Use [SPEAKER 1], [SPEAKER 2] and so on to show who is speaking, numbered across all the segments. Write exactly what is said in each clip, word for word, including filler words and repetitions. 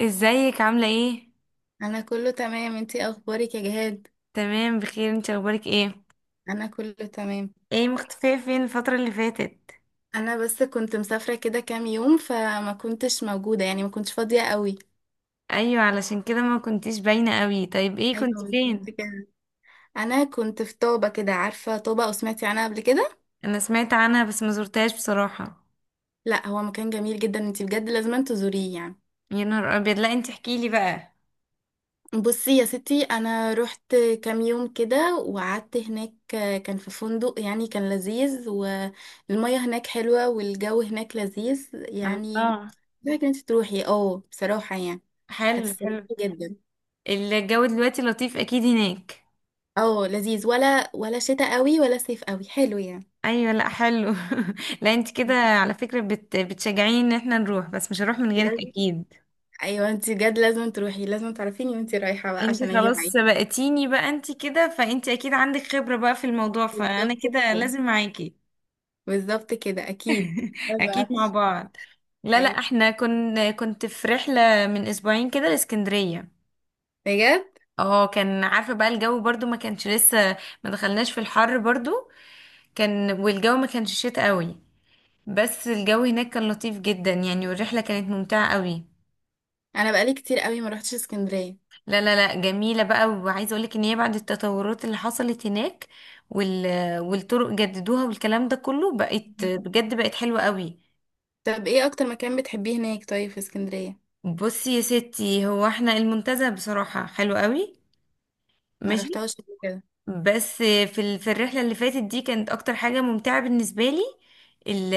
[SPEAKER 1] ازيك عاملة ايه؟
[SPEAKER 2] انا كله تمام، انتي اخبارك يا جهاد؟
[SPEAKER 1] تمام بخير، انت اخبارك ايه؟
[SPEAKER 2] انا كله تمام.
[SPEAKER 1] ايه مختفية فين الفترة اللي فاتت؟
[SPEAKER 2] انا بس كنت مسافره كده كام يوم، فما كنتش موجوده، يعني ما كنتش فاضيه قوي.
[SPEAKER 1] ايوه علشان كده ما كنتيش باينة قوي. طيب ايه
[SPEAKER 2] ايوه،
[SPEAKER 1] كنت فين؟
[SPEAKER 2] بالظبط كده. انا كنت في طابه كده. عارفه طابه او سمعتي عنها قبل كده؟
[SPEAKER 1] انا سمعت عنها بس ما زرتهاش بصراحة.
[SPEAKER 2] لا، هو مكان جميل جدا، انتي بجد لازم تزوريه يعني.
[SPEAKER 1] يا نهار ابيض، لا انت احكيلي بقى.
[SPEAKER 2] بصي يا ستي، انا رحت كام يوم كده وقعدت هناك. كان في فندق يعني، كان لذيذ، والمية هناك حلوة، والجو هناك لذيذ يعني.
[SPEAKER 1] الله.
[SPEAKER 2] محتاجة انت تروحي، اه، بصراحة يعني.
[SPEAKER 1] حلو
[SPEAKER 2] هتستمتعي
[SPEAKER 1] حلو.
[SPEAKER 2] جدا.
[SPEAKER 1] الجو دلوقتي لطيف اكيد هناك.
[SPEAKER 2] اه، لذيذ، ولا ولا شتاء قوي ولا صيف قوي، حلو يعني.
[SPEAKER 1] ايوه، لا حلو. لا انت كده على فكرة بت... بتشجعيني ان احنا نروح، بس مش هروح من غيرك
[SPEAKER 2] لازم.
[SPEAKER 1] اكيد.
[SPEAKER 2] ايوه، انت بجد لازم تروحي، لازم تعرفيني وانت رايحة بقى
[SPEAKER 1] انت
[SPEAKER 2] عشان اجي
[SPEAKER 1] خلاص
[SPEAKER 2] معاكي.
[SPEAKER 1] سبقتيني بقى، انت كده فانت اكيد عندك خبرة بقى في الموضوع، فانا
[SPEAKER 2] بالظبط
[SPEAKER 1] كده
[SPEAKER 2] كده.
[SPEAKER 1] لازم معاكي.
[SPEAKER 2] بالظبط كده اكيد.
[SPEAKER 1] اكيد مع
[SPEAKER 2] أيوة.
[SPEAKER 1] بعض. لا لا،
[SPEAKER 2] أيوة.
[SPEAKER 1] احنا كنا كنت في رحلة من اسبوعين كده لاسكندرية.
[SPEAKER 2] بجد.
[SPEAKER 1] اه كان عارفة بقى الجو برضو ما كانش لسه، ما دخلناش في الحر برضو. كان والجو ما كانش شتا قوي، بس الجو هناك كان لطيف جدا يعني، والرحلة كانت ممتعة قوي.
[SPEAKER 2] انا بقالي كتير قوي ما روحتش اسكندرية.
[SPEAKER 1] لا لا لا، جميلة بقى، وعايزة اقولك ان هي بعد التطورات اللي حصلت هناك وال... والطرق جددوها والكلام ده كله، بقت
[SPEAKER 2] مم.
[SPEAKER 1] بجد بقت حلوة قوي.
[SPEAKER 2] طب ايه اكتر مكان بتحبيه هناك، طيب، في اسكندرية؟
[SPEAKER 1] بصي يا ستي، هو احنا المنتزه بصراحة حلو قوي،
[SPEAKER 2] ما
[SPEAKER 1] ماشي.
[SPEAKER 2] رحتهاش قبل كده.
[SPEAKER 1] بس في ال... في الرحلة اللي فاتت دي كانت اكتر حاجة ممتعة بالنسبة لي ال...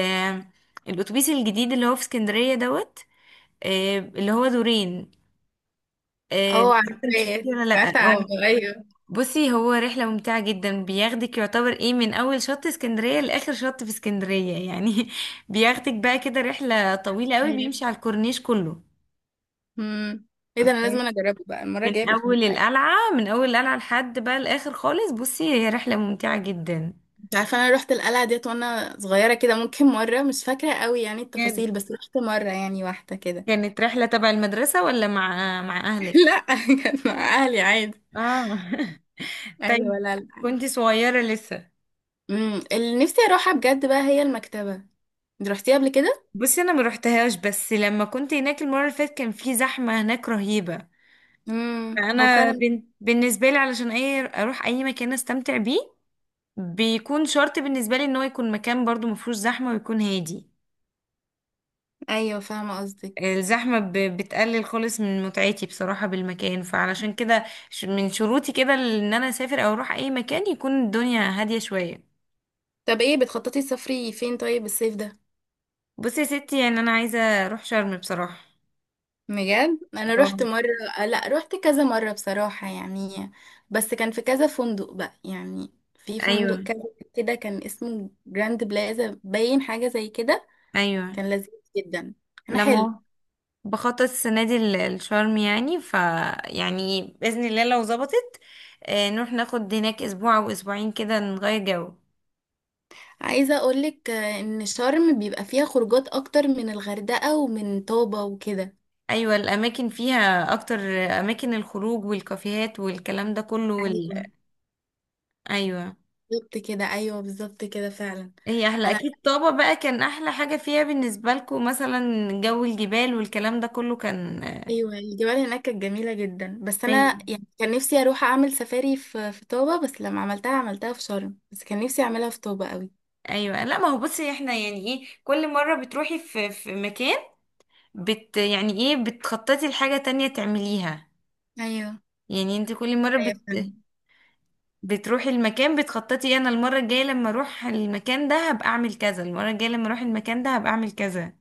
[SPEAKER 1] الاتوبيس الجديد اللي هو في اسكندرية دوت، آه، اللي هو دورين، آه، مش
[SPEAKER 2] اه،
[SPEAKER 1] عارفة انت شفتيه
[SPEAKER 2] عارفاه،
[SPEAKER 1] ولا لا،
[SPEAKER 2] سمعت عنه،
[SPEAKER 1] اه.
[SPEAKER 2] ايوه.
[SPEAKER 1] بصي هو رحلة ممتعة جدا، بياخدك يعتبر ايه من اول شط اسكندرية لاخر شط في اسكندرية يعني بياخدك بقى كده رحلة طويلة قوي،
[SPEAKER 2] ايوه.
[SPEAKER 1] بيمشي على الكورنيش كله.
[SPEAKER 2] امم ايه ده، انا لازم
[SPEAKER 1] ف-
[SPEAKER 2] انا اجربه بقى، المره
[SPEAKER 1] من
[SPEAKER 2] الجايه بياخدوني
[SPEAKER 1] اول
[SPEAKER 2] معايا.
[SPEAKER 1] القلعة من اول القلعة لحد بقى الاخر خالص. بصي هي رحلة ممتعة جدا.
[SPEAKER 2] انت عارفه انا رحت القلعه ديت وانا صغيره كده، ممكن مره، مش فاكره قوي يعني
[SPEAKER 1] كانت
[SPEAKER 2] التفاصيل، بس رحت مره يعني، واحده كده.
[SPEAKER 1] كانت رحلة تبع المدرسة ولا مع مع اهلك؟
[SPEAKER 2] لا. كانت مع اهلي عادي.
[SPEAKER 1] اه طيب.
[SPEAKER 2] ايوه، لا، لا.
[SPEAKER 1] كنت صغيرة لسه.
[SPEAKER 2] امم اللي نفسي اروحها بجد بقى هي المكتبه. انت رحتيها قبل كده؟
[SPEAKER 1] بصي انا ما روحتهاش، بس لما كنت هناك المرة اللي فاتت كان في زحمة هناك رهيبة.
[SPEAKER 2] امم هو
[SPEAKER 1] فانا
[SPEAKER 2] فعلا.
[SPEAKER 1] بن... بالنسبه لي علشان اي اروح اي مكان استمتع بيه، بيكون شرط بالنسبه لي ان هو يكون مكان برضو مفهوش زحمه ويكون هادي.
[SPEAKER 2] ايوه، فاهمه قصدك.
[SPEAKER 1] الزحمه ب... بتقلل خالص من متعتي بصراحه بالمكان، فعلشان كده ش- من شروطي كده ان انا اسافر او اروح اي مكان يكون الدنيا هاديه شويه.
[SPEAKER 2] طب ايه، بتخططي تسافري فين طيب الصيف ده؟
[SPEAKER 1] بصي يا ستي، يعني انا عايزه اروح شرم بصراحه.
[SPEAKER 2] بجد؟ انا رحت
[SPEAKER 1] اه.
[SPEAKER 2] مره. لا، رحت كذا مره بصراحه يعني. بس كان في كذا فندق بقى، يعني في فندق
[SPEAKER 1] ايوه.
[SPEAKER 2] كذا. كده، كان اسمه جراند بلازا، باين حاجه زي كده.
[SPEAKER 1] ايوه.
[SPEAKER 2] كان لذيذ. جدا. انا
[SPEAKER 1] لما
[SPEAKER 2] حلو.
[SPEAKER 1] هو بخطط السنة دي ل- لشرم يعني، ف يعني بإذن الله لو ظبطت، آه، نروح ناخد هناك أسبوع أو أسبوعين كده نغير جو.
[SPEAKER 2] عايزه اقولك، آه، ان شرم بيبقى فيها خروجات اكتر من الغردقه ومن طابه وكده.
[SPEAKER 1] أيوة، الأماكن فيها أكتر، أماكن الخروج والكافيهات والكلام ده كله وال...
[SPEAKER 2] ايوه،
[SPEAKER 1] أيوة.
[SPEAKER 2] بالظبط كده. ايوه، بالظبط كده فعلا.
[SPEAKER 1] هي أحلى
[SPEAKER 2] انا.
[SPEAKER 1] أكيد، طابة بقى كان أحلى حاجة فيها بالنسبة لكم مثلا جو الجبال والكلام ده كله كان.
[SPEAKER 2] ايوه، الجبال هناك كانت جميله جدا، بس انا
[SPEAKER 1] أيوة
[SPEAKER 2] يعني كان نفسي اروح اعمل سفاري في في طوبه، بس لما عملتها عملتها في شرم، بس كان نفسي اعملها في طوبه قوي.
[SPEAKER 1] أيوة، لا ما هو بصي احنا يعني إيه، كل مرة بتروحي في في مكان بت يعني إيه بتخططي لحاجة تانية تعمليها.
[SPEAKER 2] ايوه.
[SPEAKER 1] يعني انت كل مرة
[SPEAKER 2] ايوه فعلا.
[SPEAKER 1] بت... بتروحي المكان بتخططي انا المرة الجاية لما اروح المكان ده هبقى اعمل كذا، المرة الجاية لما اروح المكان ده هبقى اعمل كذا.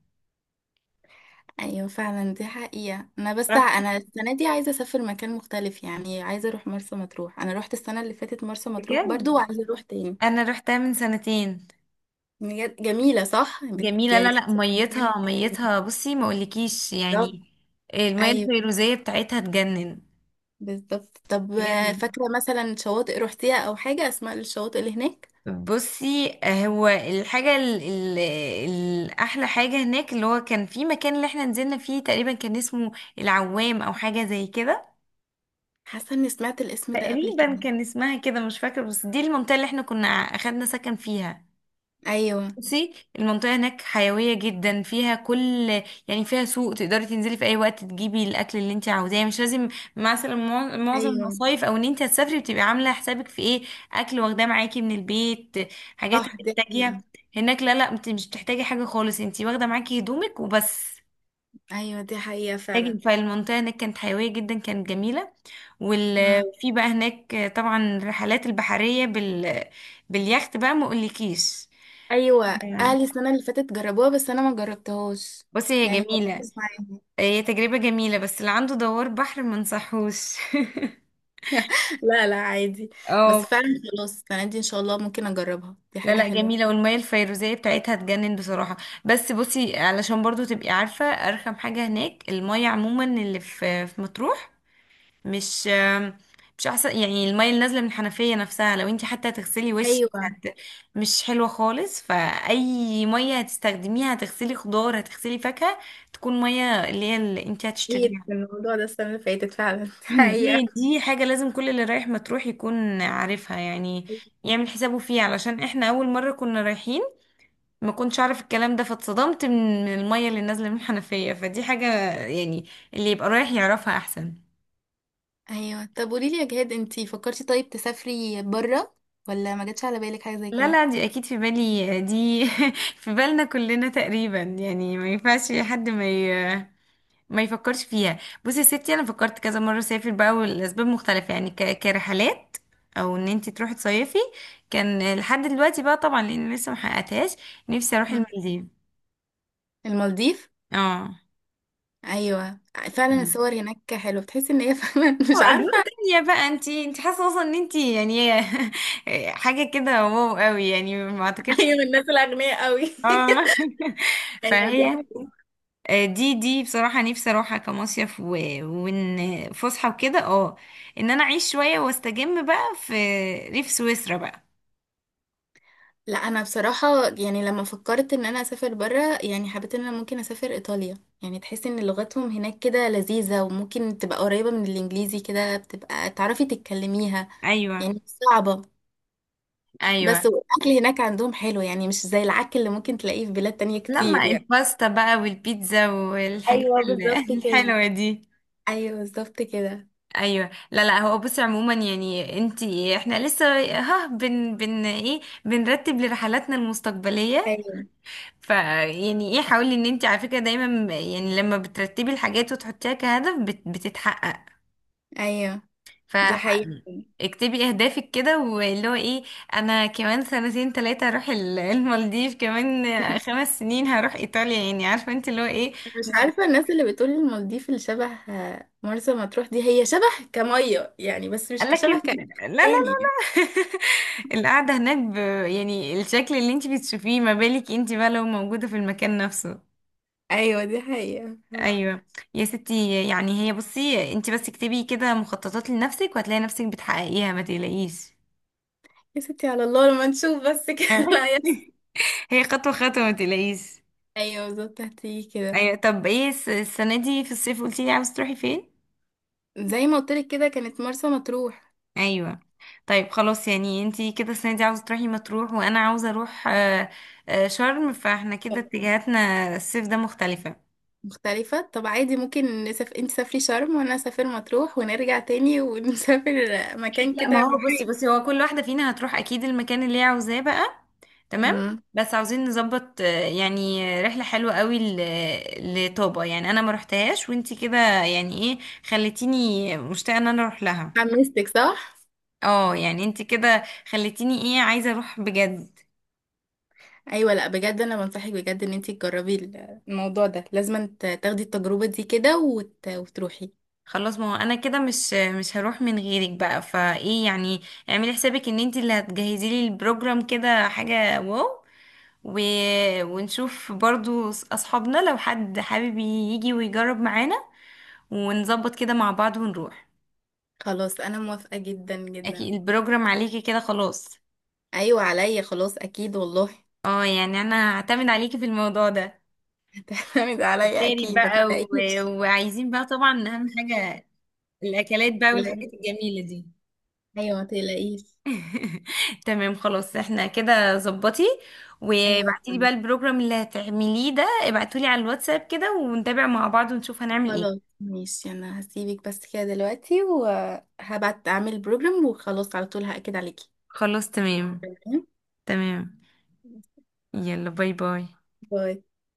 [SPEAKER 2] ايوه فعلا، دي حقيقه. انا بس ع-
[SPEAKER 1] رحتي
[SPEAKER 2] انا السنه دي عايزه اسافر مكان مختلف، يعني عايزه اروح مرسى مطروح. انا روحت السنه اللي فاتت مرسى مطروح برضو،
[SPEAKER 1] بجد؟
[SPEAKER 2] وعايزه اروح تاني.
[SPEAKER 1] انا رحتها من سنتين.
[SPEAKER 2] بجد؟ جميله، صح؟ بت...
[SPEAKER 1] جميلة،
[SPEAKER 2] يعني
[SPEAKER 1] لا لا،
[SPEAKER 2] تحس المكان.
[SPEAKER 1] ميتها ميتها بصي ما اقولكيش
[SPEAKER 2] بالظبط.
[SPEAKER 1] يعني. المية
[SPEAKER 2] ايوه
[SPEAKER 1] الفيروزية بتاعتها تجنن،
[SPEAKER 2] بالظبط. طب آه،
[SPEAKER 1] تجنن.
[SPEAKER 2] فاكره مثلا شواطئ روحتيها او حاجه، اسماء الشواطئ اللي هناك؟
[SPEAKER 1] بصي هو الحاجة ال- ال- الأحلى حاجة هناك اللي هو كان في مكان اللي احنا نزلنا فيه تقريبا كان اسمه العوام أو حاجة زي كده.
[SPEAKER 2] حاسه اني سمعت الاسم ده قبل
[SPEAKER 1] تقريبا
[SPEAKER 2] كده.
[SPEAKER 1] كان اسمها كده، مش فاكرة، بس دي المنطقة اللي احنا كنا اخدنا سكن فيها.
[SPEAKER 2] ايوه.
[SPEAKER 1] بصي المنطقة هناك حيوية جدا، فيها كل يعني، فيها سوق تقدري تنزلي في اي وقت تجيبي الاكل اللي انت عاوزاه، يعني مش لازم مثلا مع- معظم
[SPEAKER 2] ايوه،
[SPEAKER 1] المصايف او ان انت هتسافري بتبقي عاملة حسابك في ايه، اكل واخداه معاكي من البيت، حاجات
[SPEAKER 2] صح، دي
[SPEAKER 1] هتحتاجيها.
[SPEAKER 2] حقيقه.
[SPEAKER 1] هناك لا لا، انت مش بتحتاجي حاجة خالص، انت واخدة معاكي هدومك وبس.
[SPEAKER 2] ايوه، دي حقيقه
[SPEAKER 1] تاجي
[SPEAKER 2] فعلا.
[SPEAKER 1] فالمنطقة هناك كانت حيوية جدا، كانت جميلة.
[SPEAKER 2] مم.
[SPEAKER 1] وفي بقى هناك طبعا الرحلات البحرية بال... باليخت بقى ما اقولكيش.
[SPEAKER 2] ايوه،
[SPEAKER 1] آه،
[SPEAKER 2] اهلي السنه اللي فاتت جربوها بس انا ما جربتهاش.
[SPEAKER 1] بصي هي
[SPEAKER 2] يعني
[SPEAKER 1] جميلة،
[SPEAKER 2] مركز معاهم.
[SPEAKER 1] هي تجربة جميلة، بس اللي عنده دوار بحر ما انصحوش.
[SPEAKER 2] لا، لا، عادي.
[SPEAKER 1] اه.
[SPEAKER 2] بس فعلا. خلاص، السنه دي ان شاء الله ممكن اجربها، دي
[SPEAKER 1] لا
[SPEAKER 2] حاجه
[SPEAKER 1] لا، جميلة
[SPEAKER 2] حلوه.
[SPEAKER 1] والمية الفيروزية بتاعتها تجنن بصراحة. بس بصي علشان برضو تبقي عارفة، أرخم حاجة هناك المية عموما اللي في في مطروح. مش مش احسن يعني، المية اللي نازلة من الحنفية نفسها لو انت حتى هتغسلي وشك
[SPEAKER 2] ايوه،
[SPEAKER 1] هت- مش حلوة خالص، فأي مية هتستخدميها هتغسلي خضار هتغسلي فاكهة، تكون مية اللي هي اللي انت
[SPEAKER 2] اكيد
[SPEAKER 1] هتشتريها.
[SPEAKER 2] من الموضوع ده السنه اللي فاتت فعلا. دي حقيقه.
[SPEAKER 1] دي دي حاجة لازم كل اللي رايح مطروح يكون عارفها، يعني يعمل حسابه فيها، علشان احنا أول مرة كنا رايحين ما كنتش أعرف الكلام ده، فاتصدمت من من المية اللي نازلة من الحنفية، فدي حاجة يعني اللي يبقى رايح يعرفها أحسن.
[SPEAKER 2] ايوه، طب قولي لي يا جهاد، انتي فكرتي طيب تسافري بره؟ ولا ما جاتش على بالك حاجه زي
[SPEAKER 1] لا
[SPEAKER 2] كده؟
[SPEAKER 1] لا، دي اكيد في بالي، دي في بالنا كلنا تقريبا يعني، ما ينفعش حد ما ي... ما يفكرش فيها. بصي يا ستي، انا فكرت كذا مره اسافر بقى، والاسباب مختلفه يعني، ك... كرحلات او ان انت تروحي تصيفي، كان لحد دلوقتي بقى طبعا لان لسه ما حققتهاش، نفسي اروح
[SPEAKER 2] مم.
[SPEAKER 1] المالديف.
[SPEAKER 2] المالديف.
[SPEAKER 1] اه،
[SPEAKER 2] ايوه. فعلا، الصور هناك حلوه، بتحس ان هي فعلا مش
[SPEAKER 1] اجواء
[SPEAKER 2] عارفه.
[SPEAKER 1] تانية بقى، انت انت حاسه اصلا ان انت يعني حاجه كده واو قوي، يعني ما اعتقدش.
[SPEAKER 2] هي من الناس الاغنياء قوي.
[SPEAKER 1] اه
[SPEAKER 2] ايوه، دي
[SPEAKER 1] فهي،
[SPEAKER 2] حقيقة.
[SPEAKER 1] آه، دي دي بصراحة نفسي اروحها كمصيف، و... وان فسحة وكده، اه، ان انا اعيش شوية واستجم بقى في ريف سويسرا بقى.
[SPEAKER 2] لا، انا بصراحه يعني لما فكرت ان انا اسافر بره، يعني حبيت ان انا ممكن اسافر ايطاليا، يعني تحس ان لغتهم هناك كده لذيذه، وممكن تبقى قريبه من الانجليزي كده، بتبقى تعرفي تتكلميها. يعني
[SPEAKER 1] ايوه.
[SPEAKER 2] مش صعبه.
[SPEAKER 1] ايوه،
[SPEAKER 2] بس والاكل هناك عندهم حلو، يعني مش زي العك اللي ممكن تلاقيه في بلاد تانية
[SPEAKER 1] لا ما
[SPEAKER 2] كتير يعني.
[SPEAKER 1] الباستا بقى والبيتزا والحاجات
[SPEAKER 2] ايوه،
[SPEAKER 1] ال-
[SPEAKER 2] بالظبط كده.
[SPEAKER 1] الحلوه دي.
[SPEAKER 2] ايوه، بالظبط كده.
[SPEAKER 1] ايوه لا لا، هو بصي عموما يعني انتي احنا لسه، ها بن بن ايه بنرتب لرحلاتنا المستقبليه.
[SPEAKER 2] ايوه،
[SPEAKER 1] ف يعني ايه، حاولي ان انتي على فكره دايما يعني لما بترتبي الحاجات وتحطيها كهدف بت بتتحقق،
[SPEAKER 2] ايوه، دي حقيقة.
[SPEAKER 1] فاكتبي اهدافك كده واللي هو ايه. انا كمان سنتين تلاتة هروح ال- المالديف، كمان خمس سنين هروح ايطاليا، يعني عارفة انت اللي هو ايه.
[SPEAKER 2] مش
[SPEAKER 1] بالظبط.
[SPEAKER 2] عارفة، الناس اللي بتقول المالديف اللي شبه مرسى مطروح، دي هي شبه كمية يعني، بس مش كشبه
[SPEAKER 1] لكن
[SPEAKER 2] ك-
[SPEAKER 1] لا لا لا، لا
[SPEAKER 2] تاني.
[SPEAKER 1] القعدة هناك ب... يعني الشكل اللي انت بتشوفيه، ما بالك انت بقى لو موجودة في المكان نفسه.
[SPEAKER 2] ايوه، دي حقيقة.
[SPEAKER 1] ايوه. يا ستي يعني هي بصي، انت بس اكتبي كده مخططات لنفسك وهتلاقي نفسك بتحققيها ما تقلقيش.
[SPEAKER 2] يا ستي، على الله لما نشوف بس كده. لا يحصل.
[SPEAKER 1] هي خطوة خطوة ما تقلقيش.
[SPEAKER 2] ايوه، بالظبط هتيجي كده.
[SPEAKER 1] ايوه طب ايه الس- السنه دي في الصيف قلتي لي عاوزه تروحي فين؟
[SPEAKER 2] زي ما قلتلك كده، كانت مرسى مطروح.
[SPEAKER 1] ايوه. طيب خلاص، يعني انتي كده السنه دي عاوزه تروحي مطروح وانا عاوزه اروح آه، آه، شرم، فاحنا كده اتجاهاتنا الصيف ده مختلفه.
[SPEAKER 2] مختلفة. طب عادي ممكن نسافر، انت سافري شرم وانا اسافر مطروح، ونرجع تاني ونسافر مكان
[SPEAKER 1] لا ما
[SPEAKER 2] كده
[SPEAKER 1] هو بصي،
[SPEAKER 2] محايد.
[SPEAKER 1] بصي هو كل واحده فينا هتروح اكيد المكان اللي هي عاوزاه بقى، تمام.
[SPEAKER 2] مم.
[SPEAKER 1] بس عاوزين نظبط، آه، يعني رحله حلوه قوي ل- لطابا يعني، انا ما روحتهاش وانتي كده يعني ايه خليتيني مشتاقه ان انا اروح لها.
[SPEAKER 2] حمستك، صح؟
[SPEAKER 1] اه يعني انتي كده خليتيني ايه عايزه اروح بجد.
[SPEAKER 2] ايوه، لا بجد انا بنصحك بجد ان انتي تجربي ال- الموضوع ده، لازم ت- تاخدي التجربه دي كده، وت... وتروحي.
[SPEAKER 1] خلاص ما هو انا كده مش مش هروح من غيرك بقى، فايه يعني، اعملي حسابك ان انت اللي هتجهزي لي البروجرام كده حاجة واو، و... ونشوف برضو أص- اصحابنا لو حد حابب يجي ويجرب معانا، ونظبط كده مع بعض ونروح.
[SPEAKER 2] خلاص، انا موافقه جدا جدا.
[SPEAKER 1] اكيد البروجرام عليكي كده خلاص.
[SPEAKER 2] ايوه، عليا خلاص اكيد والله.
[SPEAKER 1] اه يعني انا هعتمد عليكي في الموضوع ده.
[SPEAKER 2] هتعتمد عليا
[SPEAKER 1] تاري
[SPEAKER 2] اكيد، ما
[SPEAKER 1] بقى و...
[SPEAKER 2] تقلقيش.
[SPEAKER 1] وعايزين بقى طبعا اهم حاجة الاكلات
[SPEAKER 2] ما
[SPEAKER 1] بقى والحاجات
[SPEAKER 2] تقلقيش.
[SPEAKER 1] الجميلة دي.
[SPEAKER 2] ايوه ما تقلقيش.
[SPEAKER 1] تمام خلاص، احنا كده ظبطي،
[SPEAKER 2] ايوه،
[SPEAKER 1] وابعتي لي بقى
[SPEAKER 2] تمام.
[SPEAKER 1] البروجرام اللي هتعمليه ده ابعتولي لي على الواتساب كده، ونتابع مع بعض ونشوف هنعمل ايه.
[SPEAKER 2] خلاص، ماشي، انا هسيبك بس كده دلوقتي، وهبعت اعمل بروجرام، وخلاص على طول هاكد عليكي.
[SPEAKER 1] خلاص تمام.
[SPEAKER 2] تمام؟
[SPEAKER 1] تمام. يلا باي باي.
[SPEAKER 2] باي.